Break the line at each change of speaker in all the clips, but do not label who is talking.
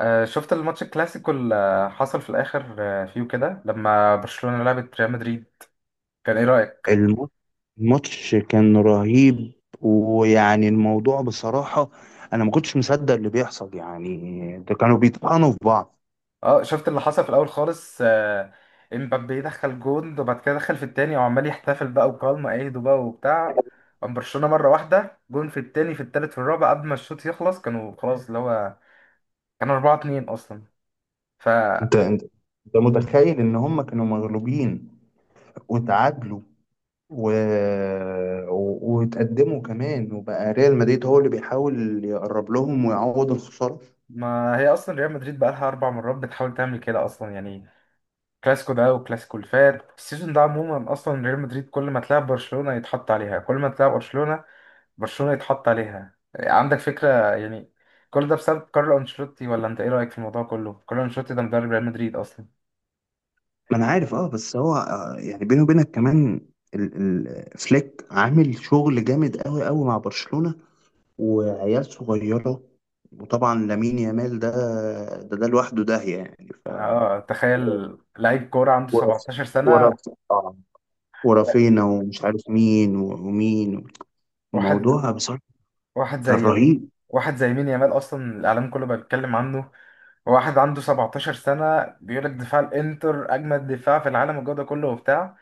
شفت الماتش الكلاسيكو اللي حصل في الاخر، فيه كده لما برشلونة لعبت ريال مدريد. كان ايه رأيك؟
الم- الماتش كان رهيب. ويعني الموضوع بصراحة، أنا ما كنتش مصدق اللي بيحصل، يعني ده كانوا بيطحنوا في بعض.
اه شفت اللي حصل في الاول خالص، امبابي دخل جون وبعد كده دخل في التاني وعمال يحتفل بقى وبالما ايده بقى وبتاع. قام برشلونة مرة واحدة، جون في التاني في التالت في الرابع قبل ما الشوط يخلص. كانوا خلاص اللي هو كانوا 4-2 اصلا.
أنت
فما
أنت أنت متخيل إن هم كانوا مغلوبين، وتعادلوا، و... وتقدموا كمان، وبقى ريال مدريد هو اللي بيحاول يقرب لهم ويعوض الخسارة.
هي اصلا ريال مدريد بقى لها 4 مرات بتحاول تعمل كده اصلا، يعني كلاسيكو ده وكلاسيكو اللي فات السيزون ده عموما. اصلا ريال مدريد كل ما تلاعب برشلونة يتحط عليها، كل ما تلاعب برشلونة يتحط عليها، عندك فكرة؟ يعني كل ده بسبب كارلو انشيلوتي، ولا انت ايه رأيك في الموضوع كله؟ كارلو انشيلوتي ده مدرب ريال مدريد اصلا.
ما أنا عارف، أه، بس هو يعني بيني وبينك كمان، فليك عامل شغل جامد أوي أوي مع برشلونة، وعيال صغيرة، وطبعا لامين يامال ده، ده لوحده داهية، يعني ف-
اه تخيل لعيب كورة عنده
ورف
17 سنة.
ورف آه، ورافينا ومش عارف مين ومين.
واحد
الموضوع بصراحة
واحد
كان
زي يمين،
رهيب.
واحد زي مين. يامال اصلا الاعلام كله بقى بيتكلم عنه. واحد عنده 17 سنة بيقول لك دفاع الانتر اجمد دفاع في العالم، والجو ده كله وبتاع.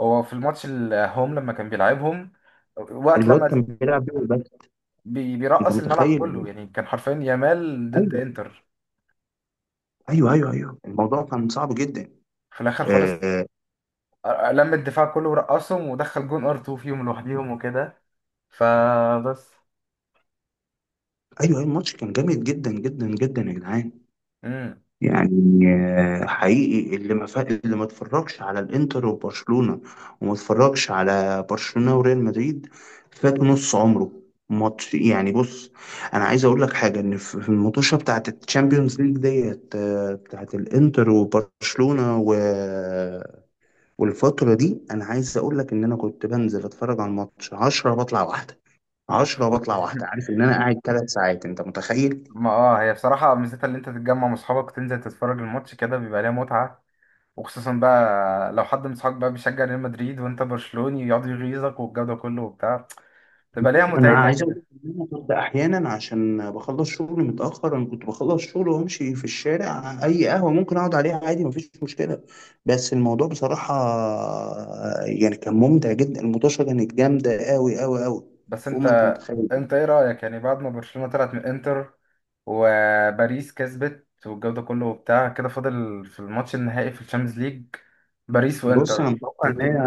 هو في الماتش الهوم لما كان بيلعبهم وقت
الواد
لما
كان بيلعب بيه بس. انت
بيرقص الملعب كله،
متخيل؟
يعني كان حرفيا يامال ضد
ايوه،
انتر.
ايوه، ايوه، ايوه، الموضوع كان صعب جدا.
في الاخر
آه،
خالص
آه،
لم الدفاع كله ورقصهم ودخل جون ار 2 فيهم لوحديهم وكده. فبس.
ايوه، أيوة، الماتش كان جامد جدا جدا جدا يا جدعان.
امم
يعني، حقيقي، اللي ما اتفرجش على الانتر وبرشلونة، وما اتفرجش على برشلونة وريال مدريد، فات نص عمره. ماتش، يعني، بص. انا عايز اقول لك حاجه، ان في المطوشه بتاعت الشامبيونز ليج ديت، بتاعت الانتر وبرشلونه والفتره دي، انا عايز اقول لك ان انا كنت بنزل اتفرج على الماتش 10 بطلع واحده،
أوف.
10 بطلع واحده، عارف ان انا قاعد 3 ساعات؟ انت متخيل؟
ما اه هي بصراحة ميزتها اللي انت تتجمع مع اصحابك وتنزل تتفرج الماتش كده، بيبقى ليها متعة. وخصوصا بقى لو حد من اصحابك بقى بيشجع ريال مدريد وانت برشلوني يقعد يغيظك، والجو ده كله وبتاع، تبقى ليها
انا
متعتها
عايز اقول
كده.
لك ان انا كنت احيانا عشان بخلص شغلي متاخر، انا كنت بخلص شغل وامشي في الشارع، اي قهوه ممكن اقعد عليها عادي، مفيش مشكله. بس الموضوع بصراحه، يعني كان ممتع جدا. المطاشه كانت جامده قوي قوي قوي،
بس
فوق
انت
ما انت متخيل.
انت ايه رأيك يعني بعد ما برشلونة طلعت من انتر وباريس كسبت والجو ده كله وبتاع كده؟ فاضل في الماتش النهائي في الشامبيونز ليج باريس
بص، انا
وانتر
متوقع ان هي،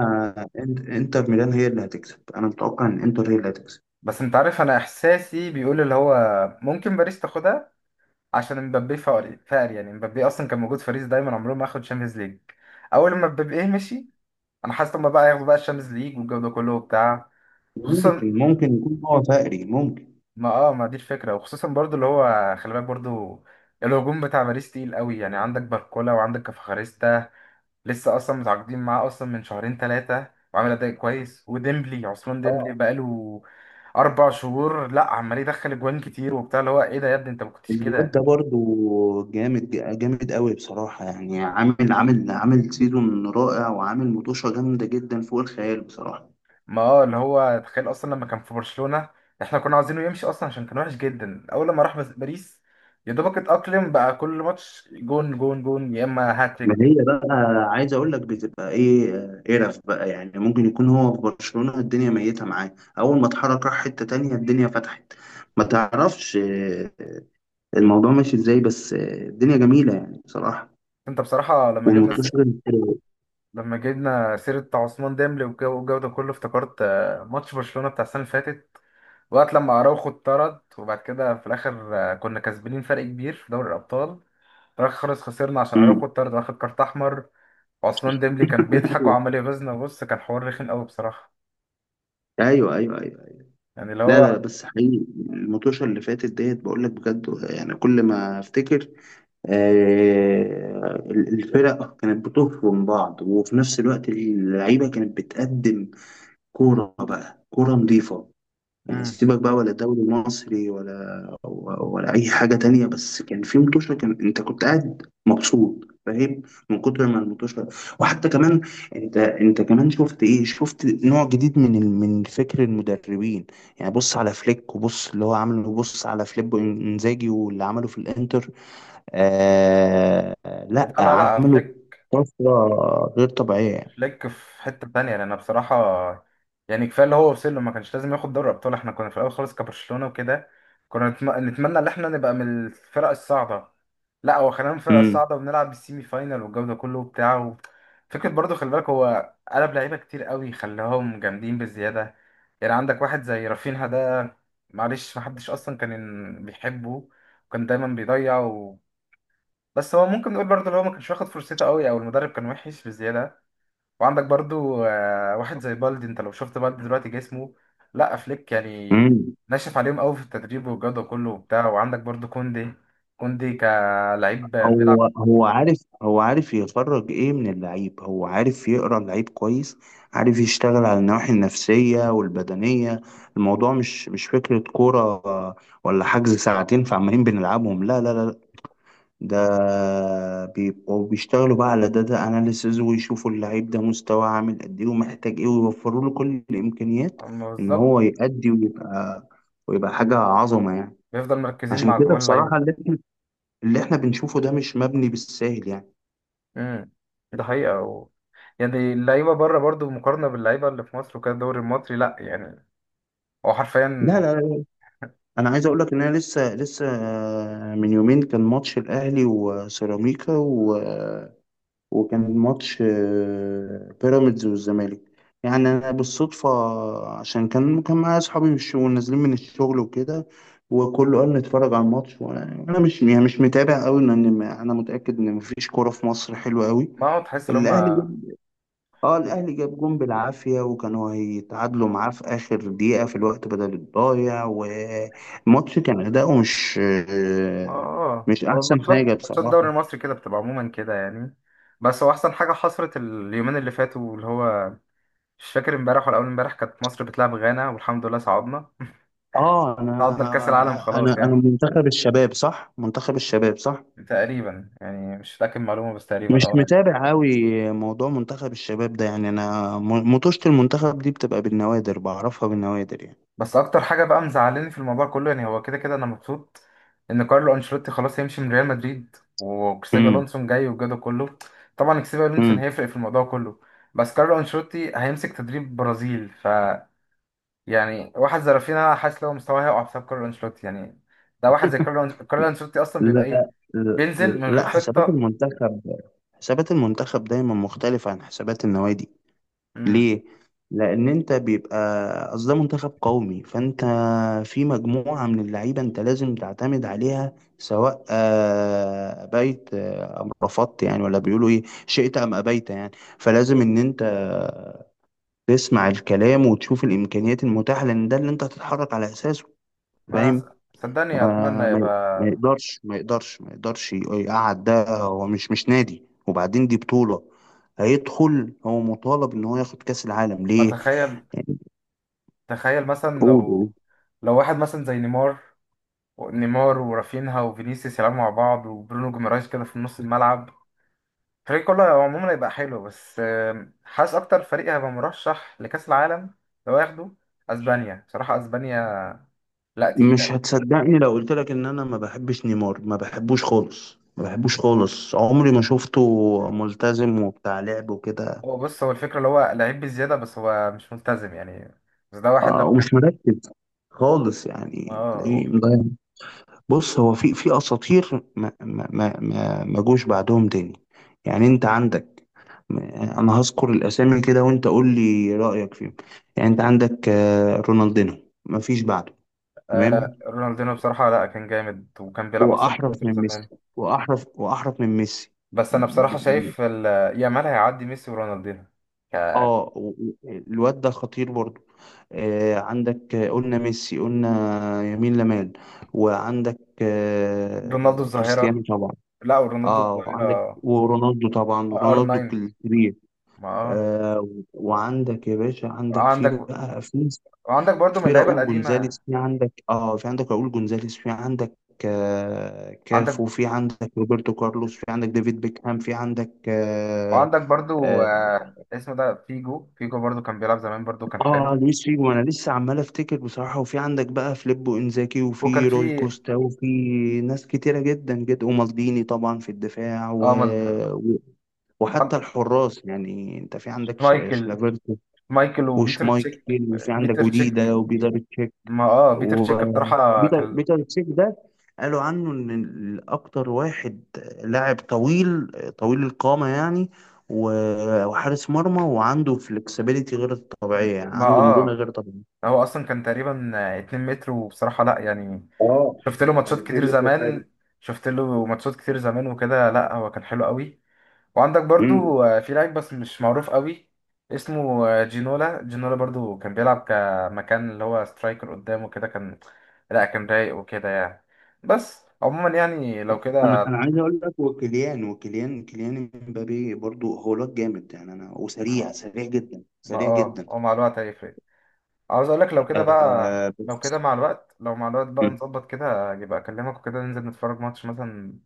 انتر ميلان هي اللي هتكسب. انا متوقع ان انتر هي اللي هتكسب.
بس انت عارف انا احساسي بيقول اللي هو ممكن باريس تاخدها. عشان مبابي فقر يعني. مبابي اصلا كان موجود في باريس دايما عمره ما اخد شامبيونز ليج. اول ما مبابي إيه مشي، انا حاسس ان هما بقى ياخدوا بقى الشامبيونز ليج والجو ده كله وبتاع. خصوصا
ممكن يكون هو فقري. ممكن.
ما دي الفكره. وخصوصا برضو اللي هو خلي بالك برضو الهجوم بتاع باريس تقيل قوي. يعني عندك باركولا وعندك كفخاريستا، لسه اصلا متعاقدين معاه اصلا من شهرين ثلاثه وعامل اداء كويس. وديمبلي، عثمان ديمبلي، بقاله 4 شهور، لا عمال يدخل اجوان كتير وبتاع، اللي هو ايه ده يا ابني انت ما كنتش
الواد
كده.
ده برضو جامد، جامد قوي بصراحة، يعني عامل سيزون رائع، وعامل مطوشة جامدة جدا فوق الخيال بصراحة.
ما اه اللي هو تخيل اصلا لما كان في برشلونة احنا كنا عايزينه يمشي اصلا عشان كان وحش جدا. اول لما راح باريس، يا دوبك اتأقلم بقى. كل ماتش جون جون جون يا اما
ما هي
هاتريك.
بقى، عايز اقول لك بتبقى ايه، قرف بقى، يعني ممكن يكون هو في برشلونة الدنيا ميتة معاه، اول ما اتحرك راح حتة تانية الدنيا فتحت. ما تعرفش الموضوع ماشي ازاي، بس الدنيا جميلة يعني بصراحة.
انت بصراحة
والمطوشة.
لما جبنا سيرة بتاع عثمان ديمبلي والجو ده كله، افتكرت ماتش برشلونة بتاع السنة اللي فاتت وقت لما اراوخو اتطرد. وبعد كده في الاخر كنا كسبانين فرق كبير في دوري الابطال. في الاخر خالص خسرنا عشان اراوخو
مم.
اتطرد واخد كارت احمر. وعثمان ديمبلي كان بيضحك وعمال يغيظنا. بص كان حوار رخم قوي بصراحة
ايوه، ايوه، ايوه.
يعني اللي
لا، لا،
هو.
لا، بس حقيقي المطوشة اللي فاتت ديت، بقول لك بجد، يعني كل ما افتكر الفرق كانت بتفرم بعض، وفي نفس الوقت اللعيبة كانت بتقدم كورة بقى، كورة نظيفة يعني.
امم
سيبك بقى ولا دوري مصري ولا اي حاجه تانية، بس كان في متوشه كان، انت كنت قاعد مبسوط، فاهم؟ من كتر ما المتوشه. وحتى كمان، انت كمان شفت ايه، شفت نوع جديد من من فكر المدربين. يعني بص على فليك، وبص اللي هو عامله، وبص على فليبو انزاجي واللي عمله في الانتر. آه،
لا
لا،
لا لا،
عملوا طفره غير طبيعيه.
فليك في حتة تانية، لأن بصراحة يعني كفاية اللي هو وصل له، ما كانش لازم ياخد دوري أبطال. احنا كنا في الأول خالص كبرشلونة وكده كنا نتمنى إن احنا نبقى من الفرق الصاعدة. لا هو خلينا من الفرق الصاعدة وبنلعب السيمي فاينال والجو ده كله وبتاع و... فكرة برضه خلي بالك هو قلب لعيبة كتير قوي خلاهم جامدين بالزيادة. يعني عندك واحد زي رافينها ده، معلش محدش أصلا كان بيحبه وكان دايما بيضيع، بس هو ممكن نقول برضه اللي هو ما كانش واخد فرصته قوي، او المدرب كان وحش بزياده. وعندك برضه واحد زي بالدي. انت لو شفت بالدي دلوقتي جسمه، لا فليك يعني
امم.
ناشف عليهم قوي في التدريب والجوده كله وبتاع. وعندك برضه كوندي. كلعيب بيلعب،
هو عارف يخرج ايه من اللعيب، هو عارف يقرا اللعيب كويس، عارف يشتغل على النواحي النفسية والبدنية. الموضوع مش فكرة كورة، آه، ولا حجز ساعتين فعمالين بنلعبهم. لا، لا، لا. ده بيبقوا بيشتغلوا بقى على داتا اناليسز، ويشوفوا اللعيب ده مستواه عامل قد ايه، ومحتاج ايه، ويوفروا له كل الامكانيات ان
بالظبط،
هو يأدي ويبقى حاجة عظمة يعني.
بيفضل مركزين
عشان
مع كل
كده
اللعيبه.
بصراحة، اللي احنا بنشوفه ده مش مبني بالساهل يعني.
امم ده حقيقه و... يعني اللعيبه بره برضه مقارنه باللعيبه اللي في مصر وكده الدوري المصري، لا يعني هو
لا،
حرفيا.
لا، لا. انا عايز اقول لك ان انا لسه من يومين كان ماتش الاهلي وسيراميكا، وكان ماتش بيراميدز والزمالك. يعني انا بالصدفه، عشان كان معايا اصحابي في الشغل نازلين من الشغل وكده، وكله قال نتفرج على الماتش. وانا مش، يعني مش متابع قوي، لان انا متاكد ان مفيش كوره في مصر حلوه قوي.
ما هو تحس ان هم.
الاهلي، اه، الاهلي جاب جون بالعافيه، وكانوا هيتعادلوا معاه في اخر دقيقه في الوقت بدل الضايع. والماتش كان اداؤه مش
ما اه
مش
هو
احسن
الماتشات
حاجه
ماتشات الدوري
بصراحه.
المصري كده بتبقى عموما كده يعني. بس هو احسن حاجه حصلت اليومين اللي فاتوا اللي هو مش فاكر امبارح ولا اول امبارح كانت مصر بتلعب غانا، والحمد لله صعدنا.
اه،
صعدنا لكاس العالم
انا انا
خلاص
انا
يعني
منتخب الشباب صح، منتخب الشباب صح.
تقريبا، يعني مش فاكر معلومه بس
مش
تقريبا اه يعني.
متابع قوي. موضوع منتخب الشباب ده، يعني انا مطوشة المنتخب دي بتبقى بالنوادر، بعرفها بالنوادر يعني.
بس اكتر حاجه بقى مزعلاني في الموضوع كله يعني، هو كده كده انا مبسوط ان كارلو انشيلوتي خلاص هيمشي من ريال مدريد وكسيبي
امم.
الونسون جاي والجو كله. طبعا كسيبي الونسون
امم.
هيفرق في الموضوع كله. بس كارلو انشيلوتي هيمسك تدريب برازيل. ف يعني واحد زي رافينيا حاسس لو مستواه هيقع بسبب كارلو انشيلوتي يعني. ده واحد زي كارلو انشيلوتي اصلا بيبقى ايه؟
لا، لا،
بينزل من غير
لا، حسابات
خطة.
المنتخب، حسابات المنتخب دايما مختلفة عن حسابات النوادي.
امم
ليه؟ لأن أنت بيبقى، أصل ده منتخب قومي، فأنت في مجموعة من اللعيبة أنت لازم تعتمد عليها، سواء أبيت أم رفضت، يعني ولا بيقولوا إيه؟ شئت أم أبيت يعني. فلازم إن أنت تسمع الكلام وتشوف الإمكانيات المتاحة، لأن ده اللي أنت هتتحرك على أساسه.
ما
فاهم؟
س- صدقني اتمنى
آه، ما
يبقى.
يقدرش ما يقدرش ما يقدرش يقعد، ده هو مش نادي. وبعدين دي بطولة هيدخل، هو مطالب ان هو ياخد كأس العالم.
ما
ليه؟
تخيل.
يعني،
تخيل مثلا
قول.
لو واحد مثلا زي نيمار ورافينها وفينيسيوس يلعبوا مع بعض وبرونو جيمارايز كده في نص الملعب. الفريق كله عموما هيبقى حلو. بس حاسس اكتر فريق هيبقى مرشح لكأس العالم لو ياخده، اسبانيا بصراحة. اسبانيا لا تقيل.
مش هتصدقني لو قلت لك ان انا ما بحبش نيمار، ما بحبوش خالص، ما بحبوش خالص، عمري ما شفته ملتزم وبتاع لعب وكده.
هو بص هو الفكرة اللي هو لعيب بزيادة بس هو مش ملتزم يعني. بس ده واحد لو كان
ومش مركز خالص يعني،
اه.
تلاقيه مضيع. بص، هو في اساطير ما جوش بعدهم تاني. يعني انت عندك، انا هذكر الاسامي كده وانت قول لي رايك فيهم. يعني انت عندك رونالدينو، ما فيش بعده. تمام.
رونالدينو بصراحة، لا كان جامد وكان بيلعب أصلا في
واحرف
الإنتر
من ميسي،
زمان.
واحرف من ميسي.
بس أنا
ب-
بصراحة
ب-
شايف يامال هيعدي ميسي ورونالدينو. ك-
الواد ده خطير برضو. آه، عندك قلنا ميسي، قلنا يمين لمال. وعندك
رونالدو الظاهرة.
كريستيانو طبعا.
لا ورونالدو
اه، وعندك
الظاهرة.
ورونالدو طبعا،
ار
رونالدو
9.
الكبير.
ما اه
آه، وعندك يا باشا، عندك في
عندك.
بقى في
وعندك برضو من
في
اللعيبة
راؤول
القديمة
جونزاليس، في عندك، في عندك راؤول جونزاليس، في عندك
عندك.
كافو، في عندك روبرتو كارلوس، في عندك ديفيد بيكهام، في عندك
وعندك برضو
اه
اسمه ده فيجو. برضو كان بيلعب زمان برضو كان حلو.
لويس فيجو. انا لسه عمال افتكر بصراحه. وفي عندك بقى فليبو انزاكي،
وكان
وفي روي
في
كوستا، وفي ناس كتيره جدا جدا، ومالديني طبعا في الدفاع.
اه
وحتى الحراس، يعني انت في عندك
مايكل.
شلافيرتو
وبيتر تشيك.
وشمايكل، وفي عندك
بيتر
وديدا
تشيك
وبيتر تشيك.
ما اه بيتر تشيك بصراحة
وبيتر
كان.
بيتر تشيك ده قالوا عنه ان اكتر واحد، لاعب طويل، طويل القامة يعني، وحارس مرمى، وعنده فلكسبيليتي غير طبيعية، يعني
ما
عنده مرونة
اه
غير طبيعية.
هو اصلا كان تقريبا 2 متر، وبصراحة لا يعني
اه،
شفت له
كان
ماتشات
2
كتير
متر وحاجة.
زمان. وكده لا هو كان حلو قوي. وعندك
امم.
برضو في لعيب بس مش معروف قوي، اسمه جينولا. برضو كان بيلعب كمكان اللي هو سترايكر قدامه كده، كان لا كان رايق وكده يعني. بس عموما يعني لو
انا
كده
انا عايز اقول لك، وكيليان وكيليان كيليان امبابي برضو، هو لوك جامد يعني، انا
ما
وسريع، سريع جدا، سريع جدا.
او مع الوقت هيفرق. عاوز اقول لك لو كده بقى،
آه،
لو كده
بس،
مع الوقت، مع الوقت بقى نظبط كده، يبقى اكلمك وكده ننزل نتفرج ماتش مثلا.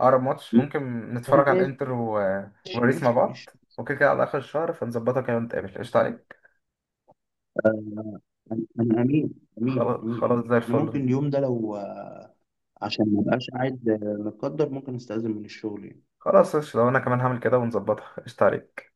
اقرب ماتش ممكن نتفرج على
ماشي،
الانتر و... وباريس مع
ماشي،
بعض
ماشي.
وكده كده على اخر الشهر. فنظبطها كده ونتقابل، قشطة عليك.
انا امين، امين، امين،
خلاص
امين،
زي
انا ممكن
الفل.
اليوم ده لو عشان ما ابقاش قاعد متقدر، ممكن استاذن من الشغل يعني.
خلاص قشطة وانا كمان هعمل كده ونظبطها، قشطة عليك.